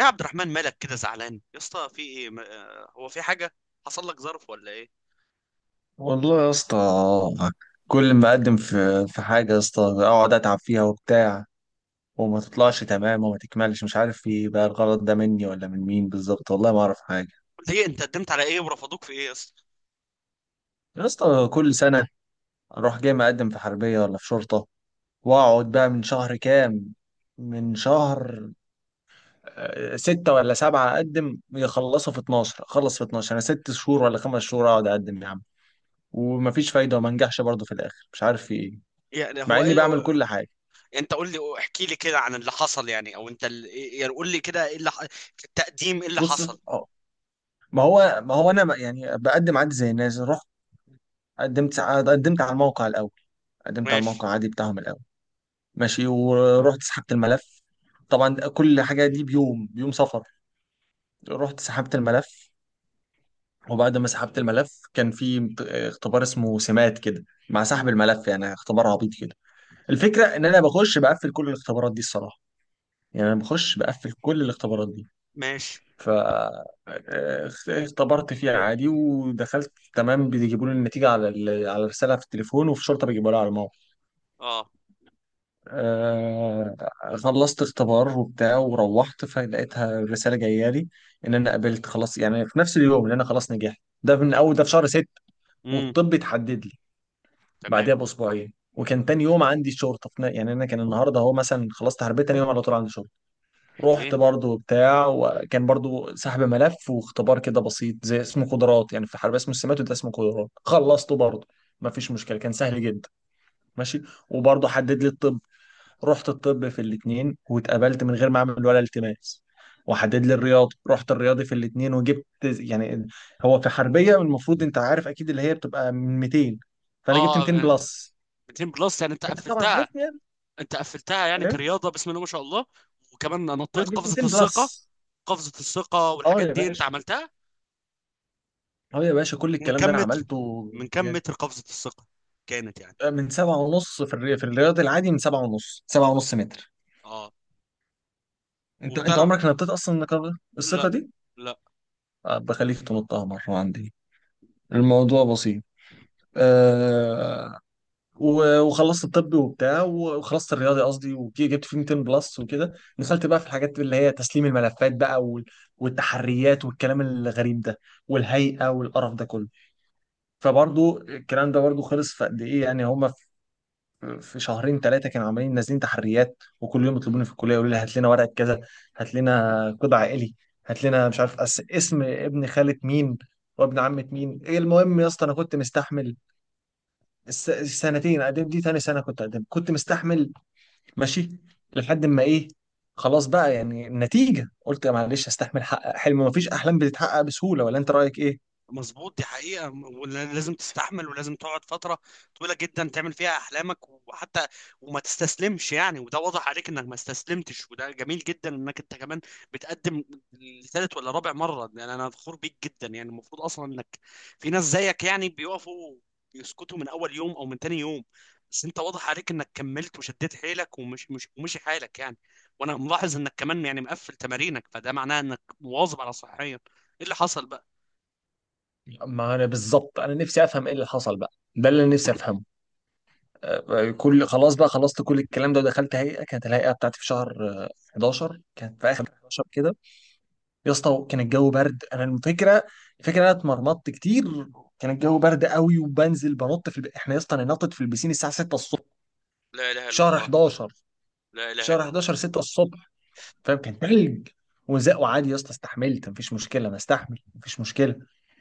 يا عبد الرحمن، مالك كده زعلان يا اسطى؟ في ايه؟ هو في حاجه حصل لك؟ ظرف ولا ايه؟ والله يا اسطى، كل ما اقدم في حاجه يا اسطى اقعد اتعب فيها وبتاع وما تطلعش تمام وما تكملش. مش عارف ايه بقى الغلط، ده مني ولا من مين بالظبط؟ والله ما اعرف حاجه. قول لي، انت قدمت على ايه ورفضوك في ايه يا اسطى؟ يا اسطى كل سنه اروح جاي مقدم في حربيه ولا في شرطه، واقعد بقى من شهر كام، من شهر ستة ولا سبعة. أقدم يخلصوا في 12، أخلص في 12. أنا 6 شهور ولا 5 شهور أقعد أقدم يا عم، ومفيش فايدة وما انجحش برضه في الآخر. مش عارف في إيه، يعني مع هو إني ايه بعمل هو- كل حاجة. انت قول لي، احكي لي كده عن اللي حصل يعني. او انت ال- إيه- يعني قول لي كده ايه اللي في التقديم، ايه اللي بص، حصل؟ ما هو انا يعني بقدم عادي زي الناس. رحت قدمت على الموقع الاول، قدمت على ماشي. الموقع عادي بتاعهم الاول. ماشي، ورحت سحبت الملف. طبعا كل حاجه دي بيوم، بيوم سفر. رحت سحبت الملف، وبعد ما سحبت الملف كان في اختبار اسمه سمات كده، مع سحب مم. الملف، يعني اختبار عبيط كده. الفكره ان انا بخش بقفل كل الاختبارات دي الصراحه. يعني انا بخش بقفل كل الاختبارات دي. ماشي. ف آه، اختبرت فيها عادي ودخلت تمام، بيجيبوا لي النتيجه على على الرساله في التليفون، وفي شرطه بيجيبوها لي على الموقع. اه. آه، خلصت اختبار وبتاع وروحت فلقيتها الرساله جايه لي ان انا قبلت خلاص، يعني في نفس اليوم ان انا خلاص نجحت. ده من اول، ده في شهر 6. امم والطب اتحدد لي تمام. بعدها بأسبوعين، وكان تاني يوم عندي شرطه في يعني انا كان النهارده هو مثلا خلصت حربيه، تاني يوم على طول عندي شرطه. رحت حلوين. برضو وبتاع، وكان برضو سحب ملف واختبار كده بسيط زي، اسمه قدرات. يعني في حربية اسمه السمات، وده اسمه قدرات. خلصته برضو، ما فيش مشكلة، كان سهل جدا. ماشي، وبرضو حدد لي الطب. رحت الطب في الاتنين واتقبلت من غير ما اعمل ولا التماس، وحدد لي الرياضي. رحت الرياضي في الاتنين وجبت يعني، هو في حربية المفروض انت عارف اكيد اللي هي بتبقى من 200، فانا جبت 200 اه. بلس. 200 بلس؟ يعني انت انت طبعا قفلتها؟ عارفني يعني. انت قفلتها يعني إيه؟ كرياضه؟ بسم الله ما شاء الله. وكمان نطيت جبت قفزه 200 الثقه؟ بلس. قفزه الثقه اه والحاجات يا دي انت باشا، عملتها؟ اه يا باشا، كل من الكلام ده كم انا متر؟ عملته. من كم يعني متر قفزة الثقة كانت يعني؟ من 7 ونص في الرياض العادي، من 7 ونص، 7 ونص متر. اه. انت وبتعرف؟ عمرك نطيت اصلا النقابة، الثقة لا. دي؟ لا. بخليك تنطها مرة عندي، الموضوع بسيط. آه وخلصت الطبي وبتاع، وخلصت الرياضي قصدي، وجبت فيه 200 بلس، وكده دخلت بقى في الحاجات اللي هي تسليم الملفات بقى والتحريات والكلام الغريب ده، والهيئة والقرف ده كله. فبرضو الكلام ده برضو خلص في قد ايه يعني هما، في شهرين 3 كانوا عمالين نازلين تحريات، وكل يوم يطلبوني في الكليه يقولوا لي هات لنا ورقه كذا، هات لنا قطع عائلي، هات لنا مش عارف اسم ابن خالة مين وابن عمة مين. ايه المهم، يا اسطى انا كنت مستحمل السنتين قدم دي، تاني سنه كنت قدم، كنت مستحمل. ماشي، لحد ما ايه، خلاص بقى. يعني النتيجه قلت يا معلش استحمل، حقق حلم. مفيش احلام بتتحقق بسهوله، ولا انت رايك ايه؟ مظبوط، دي حقيقة، ولازم تستحمل ولازم تقعد فترة طويلة جدا تعمل فيها أحلامك. وحتى وما تستسلمش يعني، وده واضح عليك إنك ما استسلمتش، وده جميل جدا إنك أنت كمان بتقدم لثالث ولا رابع مرة. يعني أنا فخور بيك جدا. يعني المفروض أصلا إنك في ناس زيك يعني بيقفوا يسكتوا من أول يوم أو من تاني يوم، بس أنت واضح عليك إنك كملت وشديت حيلك ومش مش ومشي حالك يعني. وأنا ملاحظ إنك كمان يعني مقفل تمارينك، فده معناه إنك مواظب على صحيا. إيه اللي حصل بقى؟ ما انا بالظبط انا نفسي افهم ايه اللي حصل بقى، ده اللي أنا نفسي افهمه. كل، خلاص بقى، خلصت كل الكلام ده ودخلت هيئه. كانت الهيئه بتاعتي في شهر 11، كانت في اخر 11 كده. يا اسطى كان الجو برد. انا الفكره، الفكره انا اتمرمطت كتير. كان الجو برد قوي وبنزل بنط في احنا يا اسطى انا نطت في البسين الساعه 6 الصبح، لا اله في الا شهر الله. 11، لا في اله الا شهر الله. 11 6 الصبح. فاهم؟ كان تلج وزق، وعادي يا اسطى استحملت، مفيش مشكله، انا استحمل مفيش مشكله.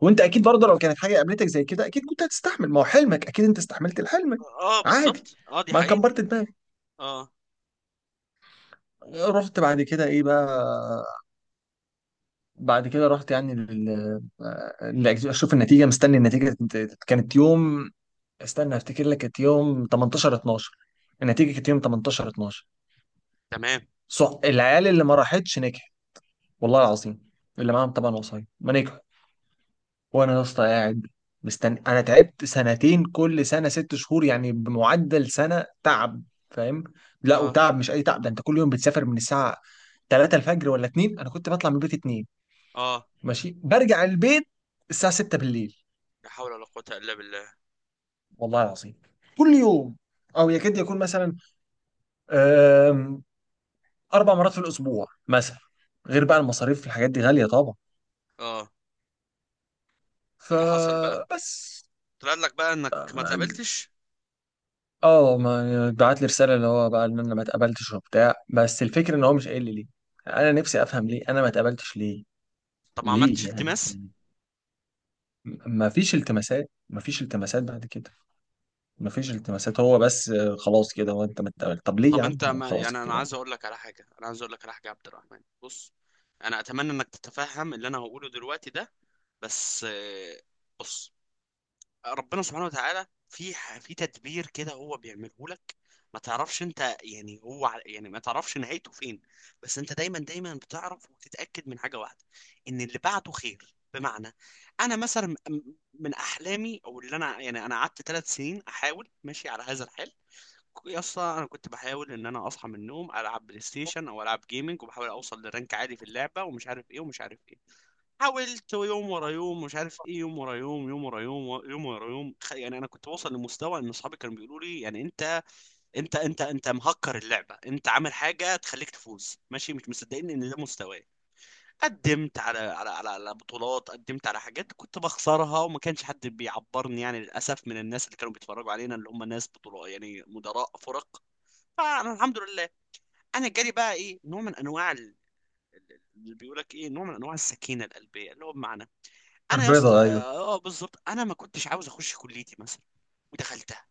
وانت اكيد برضه لو كانت حاجه قابلتك زي كده اكيد كنت هتستحمل، ما هو حلمك اكيد، انت استحملت الحلم اه عادي، بالظبط. اه دي ما حقيقة. كبرت دماغك. اه. رحت بعد كده ايه بقى، بعد كده رحت يعني اشوف النتيجه، مستني النتيجه. كانت يوم، استنى افتكر لك، كانت يوم 18 12، النتيجه كانت يوم 18 12. تمام. صح، العيال اللي ما راحتش نجحت، والله العظيم، اللي معاهم طبعا وصاية ما نجحوا. وانا يا اسطى قاعد مستني. انا تعبت سنتين، كل سنه 6 شهور، يعني بمعدل سنه تعب. فاهم؟ لا اه. وتعب مش اي تعب، ده انت كل يوم بتسافر من الساعه 3 الفجر ولا 2. انا كنت بطلع من البيت 2 اه. ماشي، برجع البيت الساعة 6 بالليل، لا حول ولا قوة الا بالله. والله العظيم، كل يوم، او يكاد يكون مثلا آم، 4 مرات في الاسبوع مثلا، غير بقى المصاريف، الحاجات دي غالية طبعا. اه. إيه اللي حصل بقى؟ فبس. طلع لك بقى انك ما اه، تقابلتش؟ ما بعت لي رسالة اللي هو بقى ان انا ما اتقبلتش وبتاع، بس الفكرة ان هو مش قايل لي ليه. انا نفسي افهم ليه انا ما اتقبلتش، ليه؟ طب ما عملتش ليه يعني؟ التماس؟ ما فيش التماسات، ما فيش التماسات بعد كده، ما فيش التماسات. هو بس خلاص كده. هو انت ما اتقبلت، طب ليه يا طب عم؟ انت هو ما خلاص يعني، انا كده. عايز اقول لك على حاجة. انا عايز اقول لك على حاجة يا عبد الرحمن. بص، انا اتمنى انك تتفهم اللي انا هقوله دلوقتي ده. بس بص، ربنا سبحانه وتعالى في في تدبير كده هو بيعمله لك، ما تعرفش انت. يعني هو يعني ما تعرفش نهايته فين. بس انت دايما بتعرف وتتأكد من حاجة واحدة، ان اللي بعده خير. بمعنى انا مثلا من احلامي، او اللي انا يعني، انا قعدت 3 سنين احاول ماشي على هذا الحال. يا اسطى انا كنت بحاول ان انا اصحى من النوم العب بلاي ستيشن او العب جيمنج وبحاول اوصل لرانك عالي في اللعبه ومش عارف ايه ومش عارف ايه. حاولت يوم ورا يوم مش عارف ايه، يوم ورا يوم، يوم ورا يوم، يوم ورا يوم، يعني انا كنت بوصل لمستوى ان اصحابي كانوا بيقولوا لي يعني انت انت مهكر اللعبه، انت عامل حاجه تخليك تفوز ماشي، مش مصدقين ان ده مستواي. قدمت على بطولات. قدمت على حاجات كنت بخسرها وما كانش حد بيعبرني يعني للاسف، من الناس اللي كانوا بيتفرجوا علينا اللي هم ناس بطولات، يعني مدراء فرق. فانا الحمد لله، انا جالي بقى ايه نوع من انواع اللي بيقول لك ايه نوع من انواع السكينه القلبيه، اللي هو بمعنى انا يا اسطى البيضة، ايوه، بالظبط انا ما كنتش عاوز اخش كليتي مثلا، ودخلتها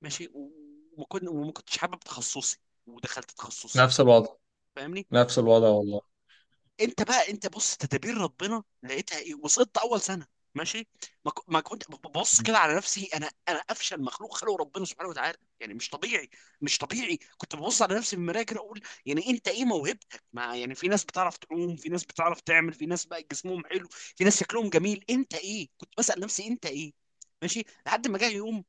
ماشي. وما كنتش حابب تخصصي، ودخلت تخصصي، نفس الوضع. فاهمني. نفس الوضع والله. انت بقى انت بص تدابير ربنا لقيتها ايه؟ وسقطت اول سنه ماشي. ما كنت ببص كده على نفسي. انا افشل مخلوق خلقه ربنا سبحانه وتعالى يعني، مش طبيعي، مش طبيعي. كنت ببص على نفسي في المرايه كده اقول يعني انت ايه موهبتك؟ ما يعني في ناس بتعرف تعوم، في ناس بتعرف تعمل، في ناس بقى جسمهم حلو، في ناس شكلهم جميل، انت ايه؟ كنت بسأل نفسي انت ايه. ماشي. لحد ما جه يوم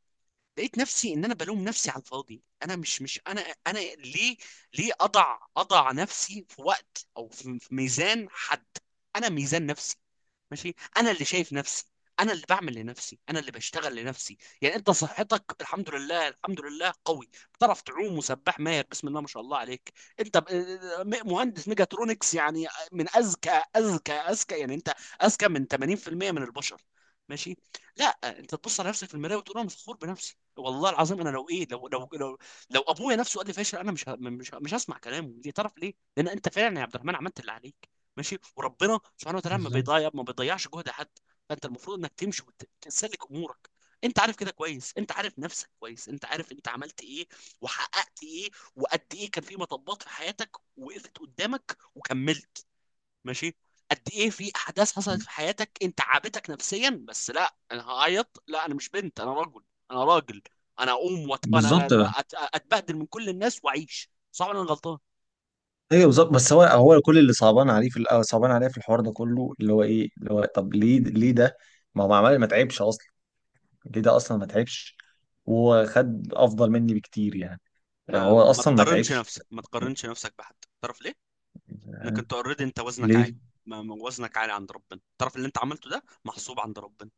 لقيت نفسي ان انا بلوم نفسي على الفاضي. انا مش مش انا. انا ليه؟ ليه اضع نفسي في وقت او في ميزان حد؟ انا ميزان نفسي ماشي. انا اللي شايف نفسي، انا اللي بعمل لنفسي، انا اللي بشتغل لنفسي. يعني انت صحتك الحمد لله، الحمد لله قوي بتعرف تعوم وسباح ماهر بسم الله ما شاء الله عليك. انت ب- مهندس ميجاترونكس يعني. من اذكى يعني انت. اذكى من 80% من البشر ماشي. لا، انت تبص على نفسك في المرايه وتقول انا فخور بنفسي. والله العظيم انا لو ايه، لو ابويا نفسه قال لي فاشل، انا مش هسمع كلامه. ليه، تعرف ليه؟ لان انت فعلا يا عبد الرحمن عملت اللي عليك ماشي. وربنا سبحانه وتعالى بالظبط، ما بيضيعش جهد حد. فانت المفروض انك تمشي وتسلك امورك. انت عارف كده كويس، انت عارف نفسك كويس، انت عارف انت عملت ايه وحققت ايه وقد ايه كان في مطبات في حياتك وقفت قدامك وكملت ماشي. قد ايه في احداث حصلت في حياتك انت عابتك نفسيا، بس لا انا هعيط؟ لا، انا مش بنت، انا رجل، انا راجل. انا اقوم انا بالظبط بقى. اتبهدل من كل الناس واعيش صعب؟ انا غلطان. ايوه بالظبط، بس هو كل اللي صعبان عليه في الأول، صعبان عليه في الحوار ده كله، اللي هو ايه، اللي هو طب ليه، ليه ده، ما هو معمل، ما تعبش اصلا. ليه ده اصلا ما تعبش وخد افضل مني بكتير يعني، هو ما اصلا ما تقارنش تعبش. نفسك، ما تقارنش نفسك بحد. تعرف ليه؟ انك انت اوريدي، انت وزنك عالي. ليه؟ ما وزنك عالي عند ربنا. تعرف اللي انت عملته ده محسوب عند ربنا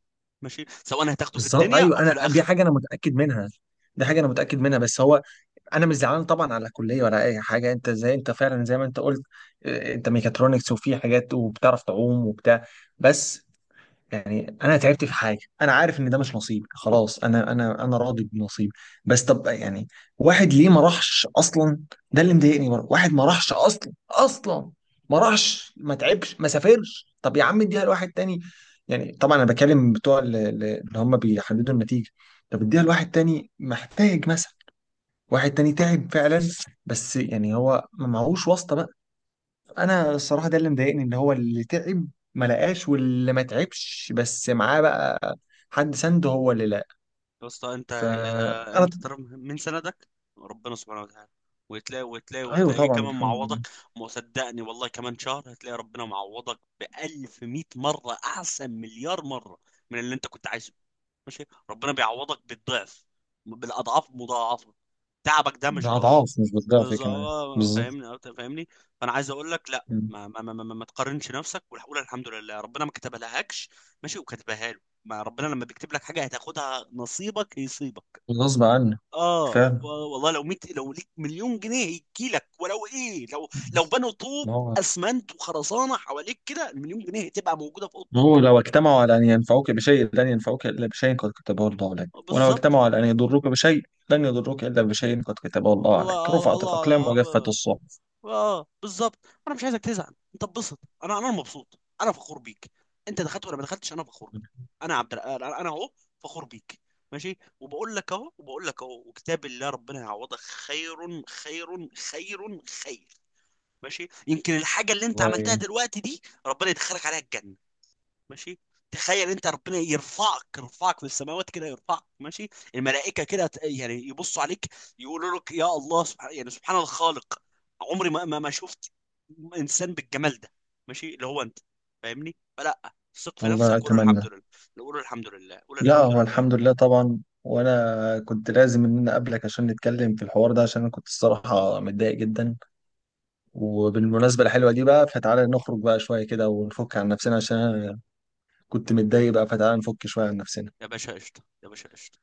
ماشي، سواء هتاخده في بالظبط، الدنيا ايوه، او في انا دي الاخره. حاجه انا متاكد منها، دي حاجه انا متاكد منها. بس هو، انا مش زعلان طبعا على كليه ولا اي حاجه، انت زي، انت فعلا زي ما انت قلت، انت ميكاترونكس وفي حاجات وبتعرف تعوم وبتاع. بس يعني انا تعبت في حاجه، انا عارف ان ده مش نصيبي، خلاص انا، انا راضي بنصيبي. بس طب يعني واحد ليه ما راحش اصلا؟ ده اللي مضايقني برضه، واحد ما راحش اصلا اصلا، ما راحش ما تعبش ما سافرش. طب يا عم اديها لواحد تاني، يعني طبعا انا بكلم بتوع اللي، اللي هم بيحددوا النتيجه. طب اديها لواحد تاني محتاج مثلا، واحد تاني تعب فعلا، بس يعني هو ما معهوش واسطة بقى. انا الصراحة ده اللي مضايقني، ان هو اللي تعب ما لقاش، واللي ما تعبش بس معاه بقى حد سنده، هو اللي لقى. يا اسطى انت، فانا، انت ترى من سندك ربنا سبحانه وتعالى، وتلاقي ايوه وتلاقيه طبعا كمان الحمد لله. معوضك. ما صدقني والله، كمان شهر هتلاقي ربنا معوضك بألف مئة مرة أحسن، مليار مرة من اللي انت كنت عايزه ماشي. ربنا بيعوضك بالضعف، بالأضعاف مضاعفة. تعبك ده مش راح. اضعاف مش بضعف كمان، بالظبط. فاهمني، فاهمني. فانا عايز اقول لك لا، مم. ما تقارنش نفسك وقول الحمد لله. ربنا ما كتبها لهاش. ماشي، وكتبها له. ما ربنا لما بيكتب لك حاجه هتاخدها، نصيبك يصيبك. غصب عنه، اه فعلا. والله لو 100، لو ليك مليون جنيه هيجي لك. ولو ايه لو بس بنوا طوب ما هو، اسمنت وخرسانه حواليك كده، المليون جنيه هتبقى موجوده في ما هو اوضتك. لو اجتمعوا على ان ينفعوك بشيء لن ينفعوك الا بشيء قد كتبه الله لك، ولو بالظبط. اجتمعوا على ان يضروك بشيء لن يضروك الا بشيء قد كتبه الله عليك. الله الله. رفعت الاقلام الله, وجفت الله. الصحف. اه بالظبط. انا مش عايزك تزعل، انت اتبسط. انا مبسوط، انا فخور بيك. انت دخلت ولا ما دخلتش انا فخور بيك. انا عبد الر- انا أنا اهو فخور بيك ماشي. وبقول لك اهو، وكتاب الله، ربنا يعوضك خير، خير. ماشي، يمكن الحاجه اللي انت عملتها والله. دلوقتي دي ربنا يدخلك عليها الجنه ماشي. تخيل انت ربنا يرفعك، في السماوات كده يرفعك ماشي. الملائكه كده يعني يبصوا عليك يقولوا لك يا الله، سبحان يعني سبحان الخالق، عمري ما شفت انسان بالجمال ده ماشي، اللي هو انت. فاهمني، فلا ثق في الله، نفسك وقول أتمنى. الحمد لله، قول الحمد لله، قول لا الحمد هو لله. الحمد لله طبعا، وأنا كنت لازم إن أنا أقابلك عشان نتكلم في الحوار ده، عشان أنا كنت الصراحة متضايق جدا. وبالمناسبة الحلوة دي بقى، فتعالى نخرج بقى شوية كده ونفك عن نفسنا، عشان أنا كنت متضايق بقى، فتعالى نفك شوية عن يا نفسنا. باشا قشطه، يا باشا قشطه.